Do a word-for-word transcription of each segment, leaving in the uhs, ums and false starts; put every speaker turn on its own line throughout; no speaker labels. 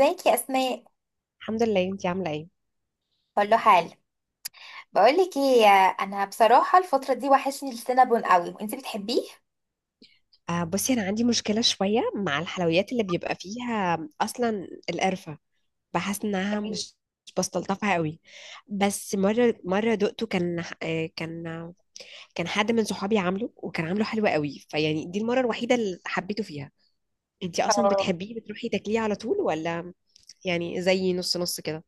ازيك يا اسماء.
الحمد لله، انتي عامله ايه؟
كله حال. بقولك ايه، انا بصراحه الفتره دي وحشني السينابون قوي وانتي بتحبيه.
آه بصي، انا عندي مشكله شويه مع الحلويات اللي بيبقى فيها اصلا القرفه. بحس انها مش مش بستلطفها قوي. بس مره مره دقته، كان آه كان آه كان حد من صحابي عامله وكان عامله حلو قوي، فيعني دي المره الوحيده اللي حبيته فيها. انتي اصلا
اه.
بتحبيه بتروحي تاكليه على طول ولا يعني زي نص نص كده؟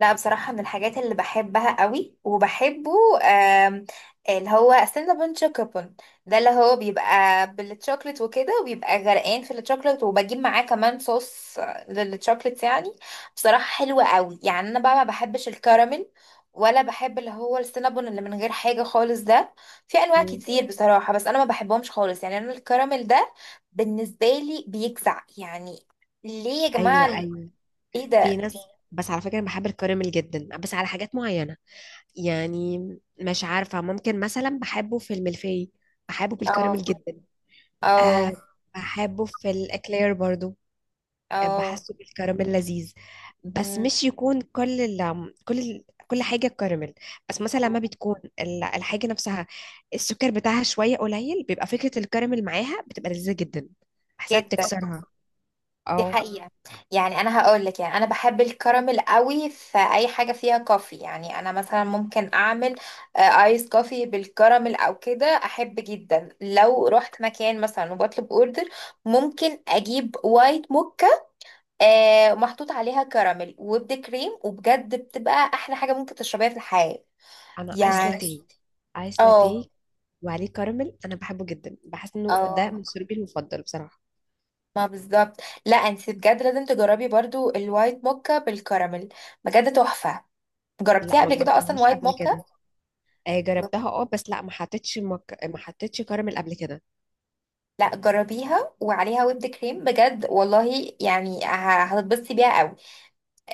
لا بصراحة من الحاجات اللي بحبها قوي وبحبه، آم، اللي هو سينابون شوكوبون، ده اللي هو بيبقى بالتشوكلت وكده وبيبقى غرقان في التشوكلت وبجيب معاه كمان صوص للتشوكلت يعني. بصراحة حلوة قوي يعني، انا بقى ما بحبش الكراميل، ولا بحب اللي هو السينابون اللي من غير حاجة خالص ده. في انواع
مم.
كتير بصراحة بس انا ما بحبهمش خالص. يعني انا الكراميل ده بالنسبة لي بيجزع يعني، ليه يا جماعة؟
ايوه، ايوه.
ايه
في
ده؟
ناس، بس على فكره انا بحب الكراميل جدا بس على حاجات معينه. يعني مش عارفة ممكن مثلا بحبه في الملفي، بحبه
اه،
بالكراميل جدا.
اه،
أه بحبه في الإكلير برضو. آه،
اه.
بحسه بالكراميل لذيذ، بس
مم.
مش يكون كل ال كل ال كل حاجة كراميل. بس مثلا لما بتكون ال- الحاجة نفسها السكر بتاعها شوية قليل، بيبقى فكرة الكراميل معاها بتبقى لذيذة جدا، بحسها
جدا.
بتكسرها.
دي
اه.
حقيقة. يعني انا هقول لك، يعني انا بحب الكراميل قوي في اي حاجة فيها كوفي. يعني انا مثلا ممكن اعمل آه، ايس كوفي بالكراميل او كده، احب جدا لو رحت مكان مثلا وبطلب اوردر ممكن اجيب وايت موكا آه، محطوط عليها كراميل وبد كريم، وبجد بتبقى احلى حاجة ممكن تشربيها في الحياة
أنا آيس
يعني.
لاتيه، آيس
اه،
لاتيه وعليه كراميل، أنا بحبه جدا، بحس إنه ده
اه،
مشروبي المفضل بصراحة.
ما بالظبط. لا انت بجد لازم تجربي برضو الوايت موكا بالكراميل، بجد تحفة.
لا،
جربتيها
ما
قبل كده اصلا
جربتهاش
وايت
قبل
موكا؟
كده. آه جربتها، اه، بس لا ما حطيتش مك... ما حطيتش كراميل قبل كده.
لا جربيها وعليها ويب كريم، بجد والله، يعني ه- هتتبسطي بيها قوي.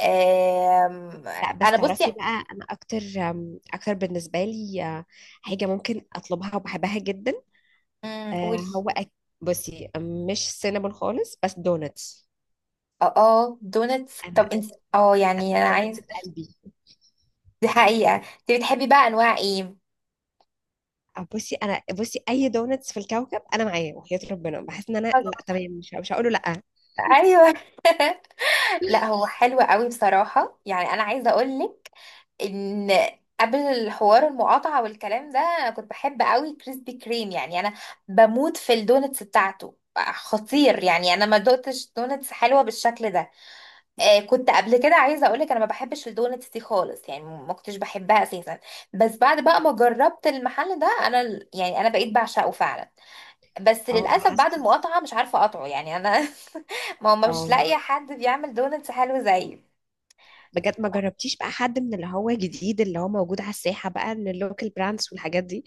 آم،
لا بس
انا بصي.
تعرفي بقى، انا اكتر، آم، اكتر بالنسبه لي، آه، حاجه ممكن اطلبها وبحبها جدا.
مم، قولي.
آه هو أك... بصي، مش سينابون خالص، بس دونتس.
اه، اه دونتس.
انا
طب انت اه،
انا
يعني انا
الدونتس
عايز،
في قلبي.
دي حقيقة، انت بتحبي بقى انواع ايه؟
آه، بصي، انا بصي اي دونتس في الكوكب انا معاه، وحياة ربنا بحس ان انا لا تمام، مش مش هقول له لا.
ايوه لا هو حلو قوي بصراحة. يعني أنا عايزة أقولك إن قبل الحوار المقاطعة والكلام ده أنا كنت بحب قوي كريسبي كريم. يعني أنا بموت في الدونتس بتاعته، خطير. يعني أنا ما دقتش دونتس حلوة بالشكل ده. آه، كنت قبل كده عايزة أقولك أنا ما بحبش الدونتس دي خالص، يعني ما كنتش بحبها أساسا، بس بعد بقى ما جربت المحل ده أنا ال- يعني أنا بقيت بعشقه فعلا. بس
اه
للأسف بعد
بحس.
المقاطعة مش عارفة أقطعه يعني أنا ما هو مش
اه
لاقية حد بيعمل دونتس حلو زيه.
بجد ما جربتيش بقى حد من اللي هو جديد، اللي هو موجود على الساحة بقى، من اللوكال براندز والحاجات دي،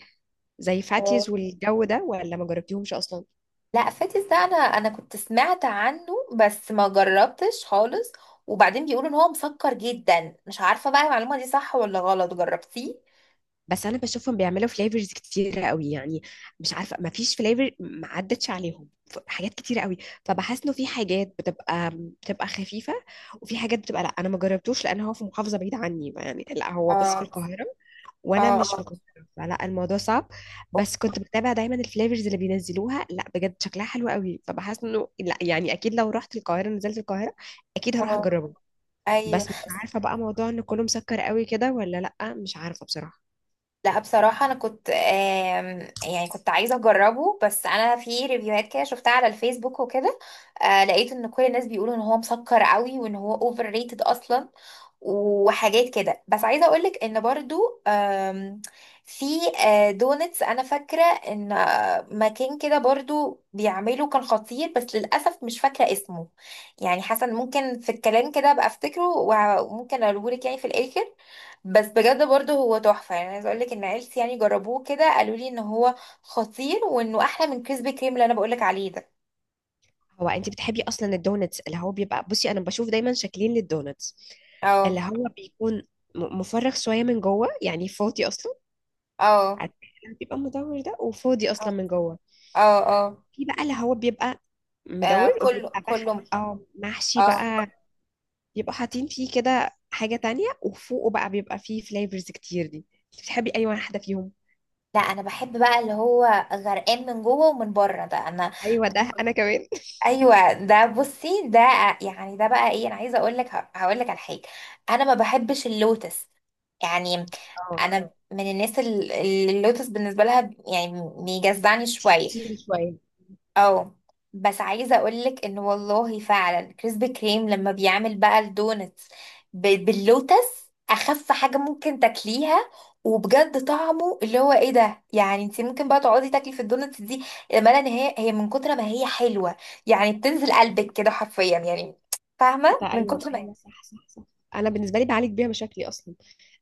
زي فاتيز
آه،
والجو ده، ولا ما جربتيهمش اصلا؟
لا فاتس ده انا، انا كنت سمعت عنه بس ما جربتش خالص. وبعدين بيقولوا ان هو مسكر جدا، مش عارفه بقى المعلومه دي صح ولا غلط، جربتيه؟
بس انا بشوفهم بيعملوا فليفرز كتيره قوي، يعني مش عارفه، ما فيش فليفر ما عدتش عليهم، ف- حاجات كتيره قوي. فبحس انه في حاجات بتبقى بتبقى خفيفه، وفي حاجات بتبقى لا. انا ما جربتوش لان هو في محافظه بعيده عني، يعني لا هو بس في
اه،
القاهره وانا مش في
اه،
القاهره، فلا الموضوع صعب.
اه.
بس كنت بتابع دايما الفليفرز اللي بينزلوها، لا بجد شكلها حلو قوي، فبحس انه لا يعني اكيد لو رحت القاهره، نزلت القاهره، اكيد هروح
آه،
اجربه.
ايوه.
بس مش عارفه بقى موضوع ان كله مسكر قوي كده، ولا لا، مش عارفه بصراحه.
لا بصراحه انا كنت آم، يعني كنت عايزه اجربه، بس انا في ريفيوهات كده شفتها على الفيسبوك وكده آه، لقيت ان كل الناس بيقولوا ان هو مسكر قوي وان هو اوفر ريتد اصلا وحاجات كده. بس عايزه اقولك ان برضو آم، في آه، دونتس، انا فاكره ان آه، مكان كده برضو بيعمله كان خطير، بس للاسف مش فاكره اسمه. يعني حسن ممكن في الكلام كده ابقى افتكره وممكن اقولهولك يعني في الاخر. بس بجد برضو هو تحفه، يعني عايزه اقولك ان عيلتي يعني جربوه كده قالوا لي ان هو خطير، وانه احلى من كريسبي كريم اللي انا بقولك عليه ده.
هو انت بتحبي اصلا الدونتس اللي هو بيبقى، بصي انا بشوف دايما شكلين للدونتس، اللي
اه،
هو بيكون م- مفرغ شويه من جوه، يعني فاضي اصلا،
اه،
عارفة، اللي بيبقى مدور ده وفاضي
اه،
اصلا من جوه.
اه، اه.
في بقى اللي هو بيبقى
آه،
مدور
كله
وبيبقى بح،
كله.
او محشي
اه.
بقى، بيبقوا حاطين فيه كده حاجه تانية، وفوقه بقى بيبقى فيه فليفرز كتير دي. انت بتحبي اي واحده فيهم؟
لا انا بحب بقى اللي هو غرقان من جوه ومن بره ده انا.
ايوه ده انا كمان.
ايوه ده، بصي ده يعني، ده بقى ايه، انا عايزه اقول لك، هقول لك على حاجه، انا ما بحبش اللوتس. يعني
اه
انا من الناس ال- اللي اللوتس بالنسبه لها يعني بيجزعني شويه.
تقيل شويه.
اه. بس عايزه اقولك ان والله فعلا كريسبي كريم لما بيعمل بقى الدونتس ب- باللوتس، اخف حاجه ممكن تاكليها. وبجد طعمه اللي هو ايه ده، يعني انت ممكن بقى تقعدي تاكلي في الدونتس دي، امالا ان هي هي من كتر ما هي حلوه يعني، بتنزل قلبك كده حرفيا يعني، فاهمه،
ده
من
ايوه،
كتر ما هي.
ايوه، صح صح صح. انا بالنسبه لي بعالج بيها مشاكلي اصلا.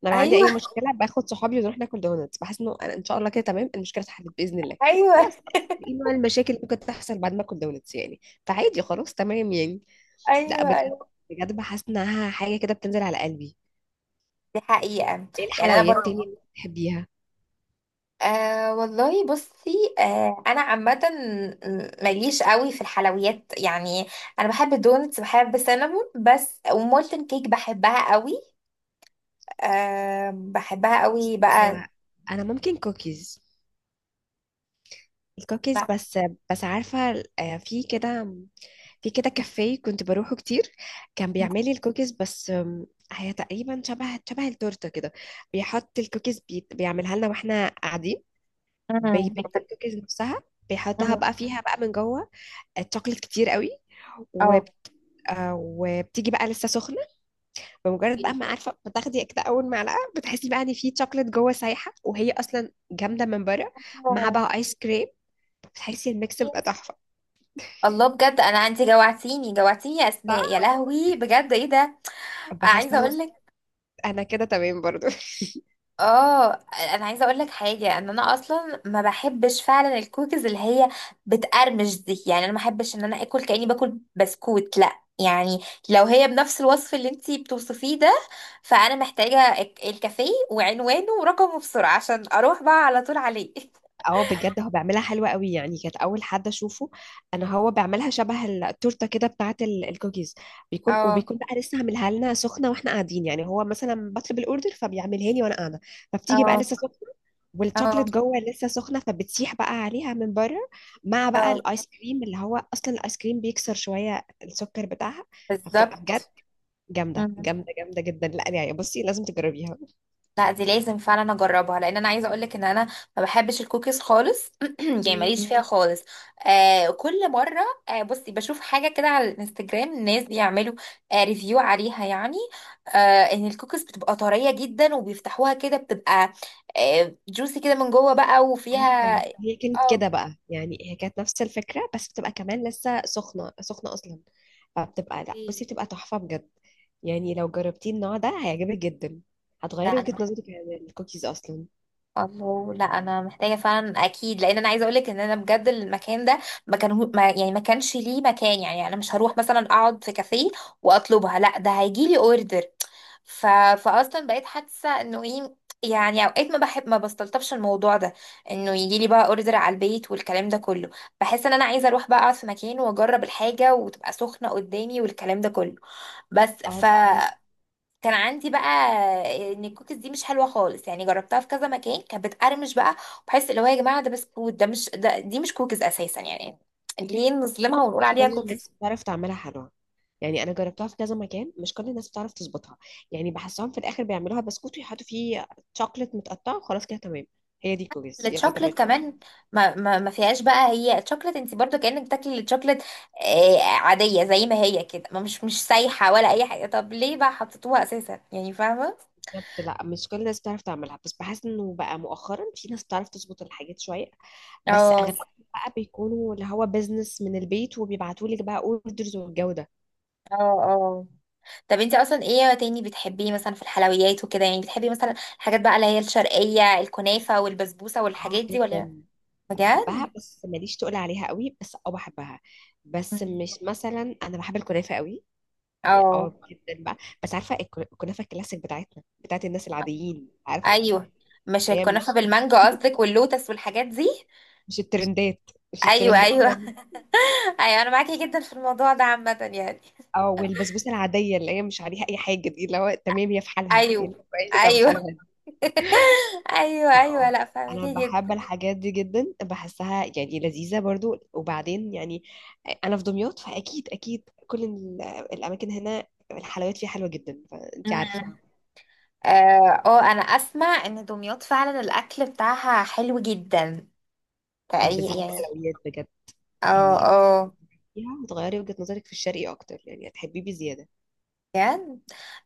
انا لو عندي
ايوه
اي مشكله باخد صحابي ونروح ناكل دونتس، بحس انه انا ان شاء الله كده تمام، المشكله اتحلت باذن الله.
ايوه
خلاص. ايه نوع المشاكل اللي ممكن تحصل بعد ما اكل دونتس يعني؟ فعادي خلاص تمام يعني. لا
ايوه
بجد،
ايوه،
بجد بحس انها حاجه كده بتنزل على قلبي.
دي حقيقه.
ايه
يعني انا
الحلويات تاني
برضه
اللي بتحبيها؟
أه والله. بصي أه انا عامه ماليش قوي في الحلويات يعني، انا بحب الدونتس، بحب السينابون بس، ومولتن كيك بحبها قوي. أه بحبها قوي
هو
بقى.
انا ممكن كوكيز، الكوكيز
لا.
بس. بس عارفة، آه، في كده، في كده كافيه كنت بروحه كتير، كان بيعملي الكوكيز بس. آم، هي تقريبا شبه شبه التورتة كده، بيحط الكوكيز بي... بيعملها لنا واحنا قاعدين،
امم.
بيبيك الكوكيز نفسها، بيحطها
امم.
بقى فيها بقى من جوه الشوكليت كتير قوي. وب...
اه.
آه، وبتيجي بقى لسه سخنة، بمجرد بقى ما عارفة بتاخدي كده أول معلقة، بتحسي بقى إن في شوكليت جوه سايحة، وهي أصلا جامدة من بره، مع
آه.
بقى آيس كريم، بتحسي الميكس بقى تحفة.
الله، بجد انا انت جوعتيني جوعتيني يا اسماء، يا لهوي بجد ايه ده.
بحس
عايزه
انه
اقول لك،
انا كده تمام برضو
اه، انا عايزه اقول لك حاجه، ان انا اصلا ما بحبش فعلا الكوكيز اللي هي بتقرمش دي. يعني انا ما بحبش ان انا اكل كاني باكل بسكوت، لا يعني. لو هي بنفس الوصف اللي انتي بتوصفيه ده، فانا محتاجه الك- الكافيه وعنوانه ورقمه بسرعه عشان اروح بقى على طول عليه.
اه بجد هو بيعملها حلوة قوي، يعني كانت اول حد اشوفه. انا هو بيعملها شبه التورته كده بتاعه ال- الكوكيز، بيكون
اه،
وبيكون بقى لسه عاملها لنا سخنه واحنا قاعدين، يعني هو مثلا بطلب الاوردر فبيعملها لي وانا قاعده، فبتيجي بقى
اه،
لسه سخنه،
اه،
والشوكليت جوه لسه سخنه، فبتسيح بقى عليها من بره، مع بقى
اه
الايس كريم، اللي هو اصلا الايس كريم بيكسر شويه السكر بتاعها، فبتبقى بجد
بالظبط.
جامده جامده جامده جدا. لا يعني بصي لازم تجربيها.
لا دي لازم فعلا اجربها، لان انا عايزه اقولك ان انا ما بحبش الكوكيز خالص. يعني ماليش فيها خالص. آه كل مره، آه بصي بشوف حاجه كده على الانستجرام، الناس بيعملوا آه ريفيو عليها يعني، آه ان الكوكيز بتبقى طريه جدا، وبيفتحوها كده بتبقى آه جوسي كده من جوه بقى وفيها.
ايوه هي كانت
اه.
كده بقى، يعني هي كانت نفس الفكره، بس بتبقى كمان لسه سخنه سخنه اصلا. فبتبقى، لا بصي بتبقى تحفه بجد، يعني لو جربتي النوع ده هيعجبك جدا،
لا
هتغيري وجهه
انا،
نظرك عن الكوكيز اصلا.
الله، لا انا محتاجه فعلا اكيد، لان انا عايزه اقولك ان انا بجد المكان ده ما كان هو- ما يعني ما كانش ليه مكان. يعني انا مش هروح مثلا اقعد في كافيه واطلبها، لا ده هيجي لي اوردر. ف... فاصلا بقيت حاسه انه ايه، يعني اوقات ما بحب ما بستلطفش الموضوع ده، انه يجي لي بقى اوردر على البيت والكلام ده كله. بحس ان انا عايزه اروح بقى اقعد في مكان واجرب الحاجه وتبقى سخنه قدامي والكلام ده كله. بس
اه
ف
فهميكي.
كان عندي بقى ان الكوكيز دي مش حلوه خالص، يعني جربتها في كذا مكان كانت بتقرمش بقى، وبحس اللي هو يا جماعه ده بسكوت، ده مش ده دي مش كوكيز اساسا يعني، ليه نظلمها ونقول
مش
عليها
كل الناس
كوكيز.
بتعرف تعملها حلوه، يعني انا جربتها في كذا مكان، مش كل الناس بتعرف تظبطها، يعني بحسهم في الاخر بيعملوها بسكوت ويحطوا فيه شوكليت متقطع وخلاص كده تمام، هي دي كوكيز يلا تمام.
الشوكليت كمان ما ما ما فيهاش بقى، هي الشوكليت انت برضو كانك بتاكلي الشوكليت آه، عاديه زي ما هي كده، ما مش مش سايحه ولا اي حاجه، طب ليه بقى حطيتوها اساسا يعني، فاهمه.
بالظبط، لا مش كل الناس بتعرف تعملها، بس بحس انه بقى مؤخرا في ناس بتعرف تظبط الحاجات شويه، بس
اه،
اغلبهم بقى بيكونوا اللي هو بيزنس من البيت، وبيبعتوا لك بقى اوردرز والجو ده.
اه، اه. طب انت اصلا ايه تاني بتحبيه مثلا في الحلويات وكده، يعني بتحبي مثلا الحاجات بقى اللي هي الشرقية، الكنافة والبسبوسة
اه
والحاجات دي ولا؟
جدا،
بجد.
بحبها بس ماليش تقول عليها قوي، بس اه بحبها. بس
مم.
مش مثلا، انا بحب الكنافه قوي.
اه.
اه جدا بقى. بس عارفه الكن- الكنافه الكلاسيك بتاعتنا، بتاعت الناس العاديين، عارفه،
ايوه، مش
اللي هي
الكنافة
مش،
بالمانجا قصدك واللوتس والحاجات دي.
مش الترندات مش
ايوه
الترندات.
ايوه ايوه انا معاكي جدا في الموضوع ده عامة يعني.
اه والبسبوسه العاديه اللي هي مش عليها اي حاجه، دي اللي هو تمام، هي في حالها
ايوه
يعني، كويسه في حالها
ايوه
دي.
ايوه ايوه،
اه
لا
انا
فاهمكي
بحب
جدا.
الحاجات دي جدا، بحسها يعني لذيذه برضو، وبعدين يعني انا في دمياط، فاكيد اكيد كل ال- الاماكن هنا الحلويات فيها حلوه جدا، فانت عارفه.
مم. اه. آه، انا اسمع ان دمياط فعلا الاكل بتاعها حلو جدا
اه
تقريبا
بالذات
يعني.
الحلويات بجد
اه،
يعني
اه،
فيها، وتغيري وجهه نظرك في الشرقي اكتر، يعني هتحبيه بزياده.
بجد.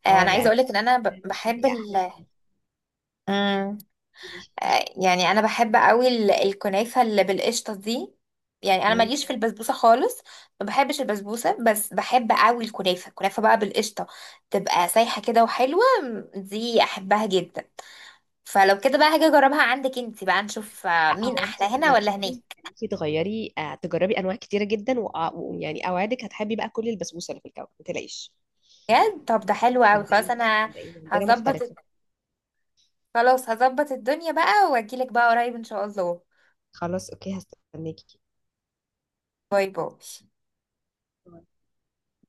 آه،
اه
انا
لا
عايزه
انا
اقولك ان انا ب-
فاهمة، الشرقي
بحب
احلى
ال،
كتير.
مم،
قولي.
آه، يعني انا بحب قوي ال- الكنافه اللي بالقشطه دي. يعني انا
إمم.
ماليش في البسبوسه خالص، ما بحبش البسبوسه، بس بحب قوي الكنافه، الكنافه بقى بالقشطه، تبقى سايحه كده وحلوه، مم، دي احبها جدا. فلو كده بقى هاجي اجربها عندك انت بقى نشوف آه،
لا
مين
هو انت
احلى هنا
لما
ولا
تيجي
هناك.
انت تغيري، آه، تجربي انواع كتيره جدا، وأ- ويعني اوعدك هتحبي بقى، كل البسبوسه اللي في الكون ما تلاقيش.
بجد؟ طب ده حلو قوي، خلاص
صدقيني،
انا
صدقيني عندنا
هظبط،
مختلفه.
خلاص هظبط الدنيا بقى واجيلك بقى قريب ان شاء الله.
خلاص اوكي، هستناكي.
باي باي.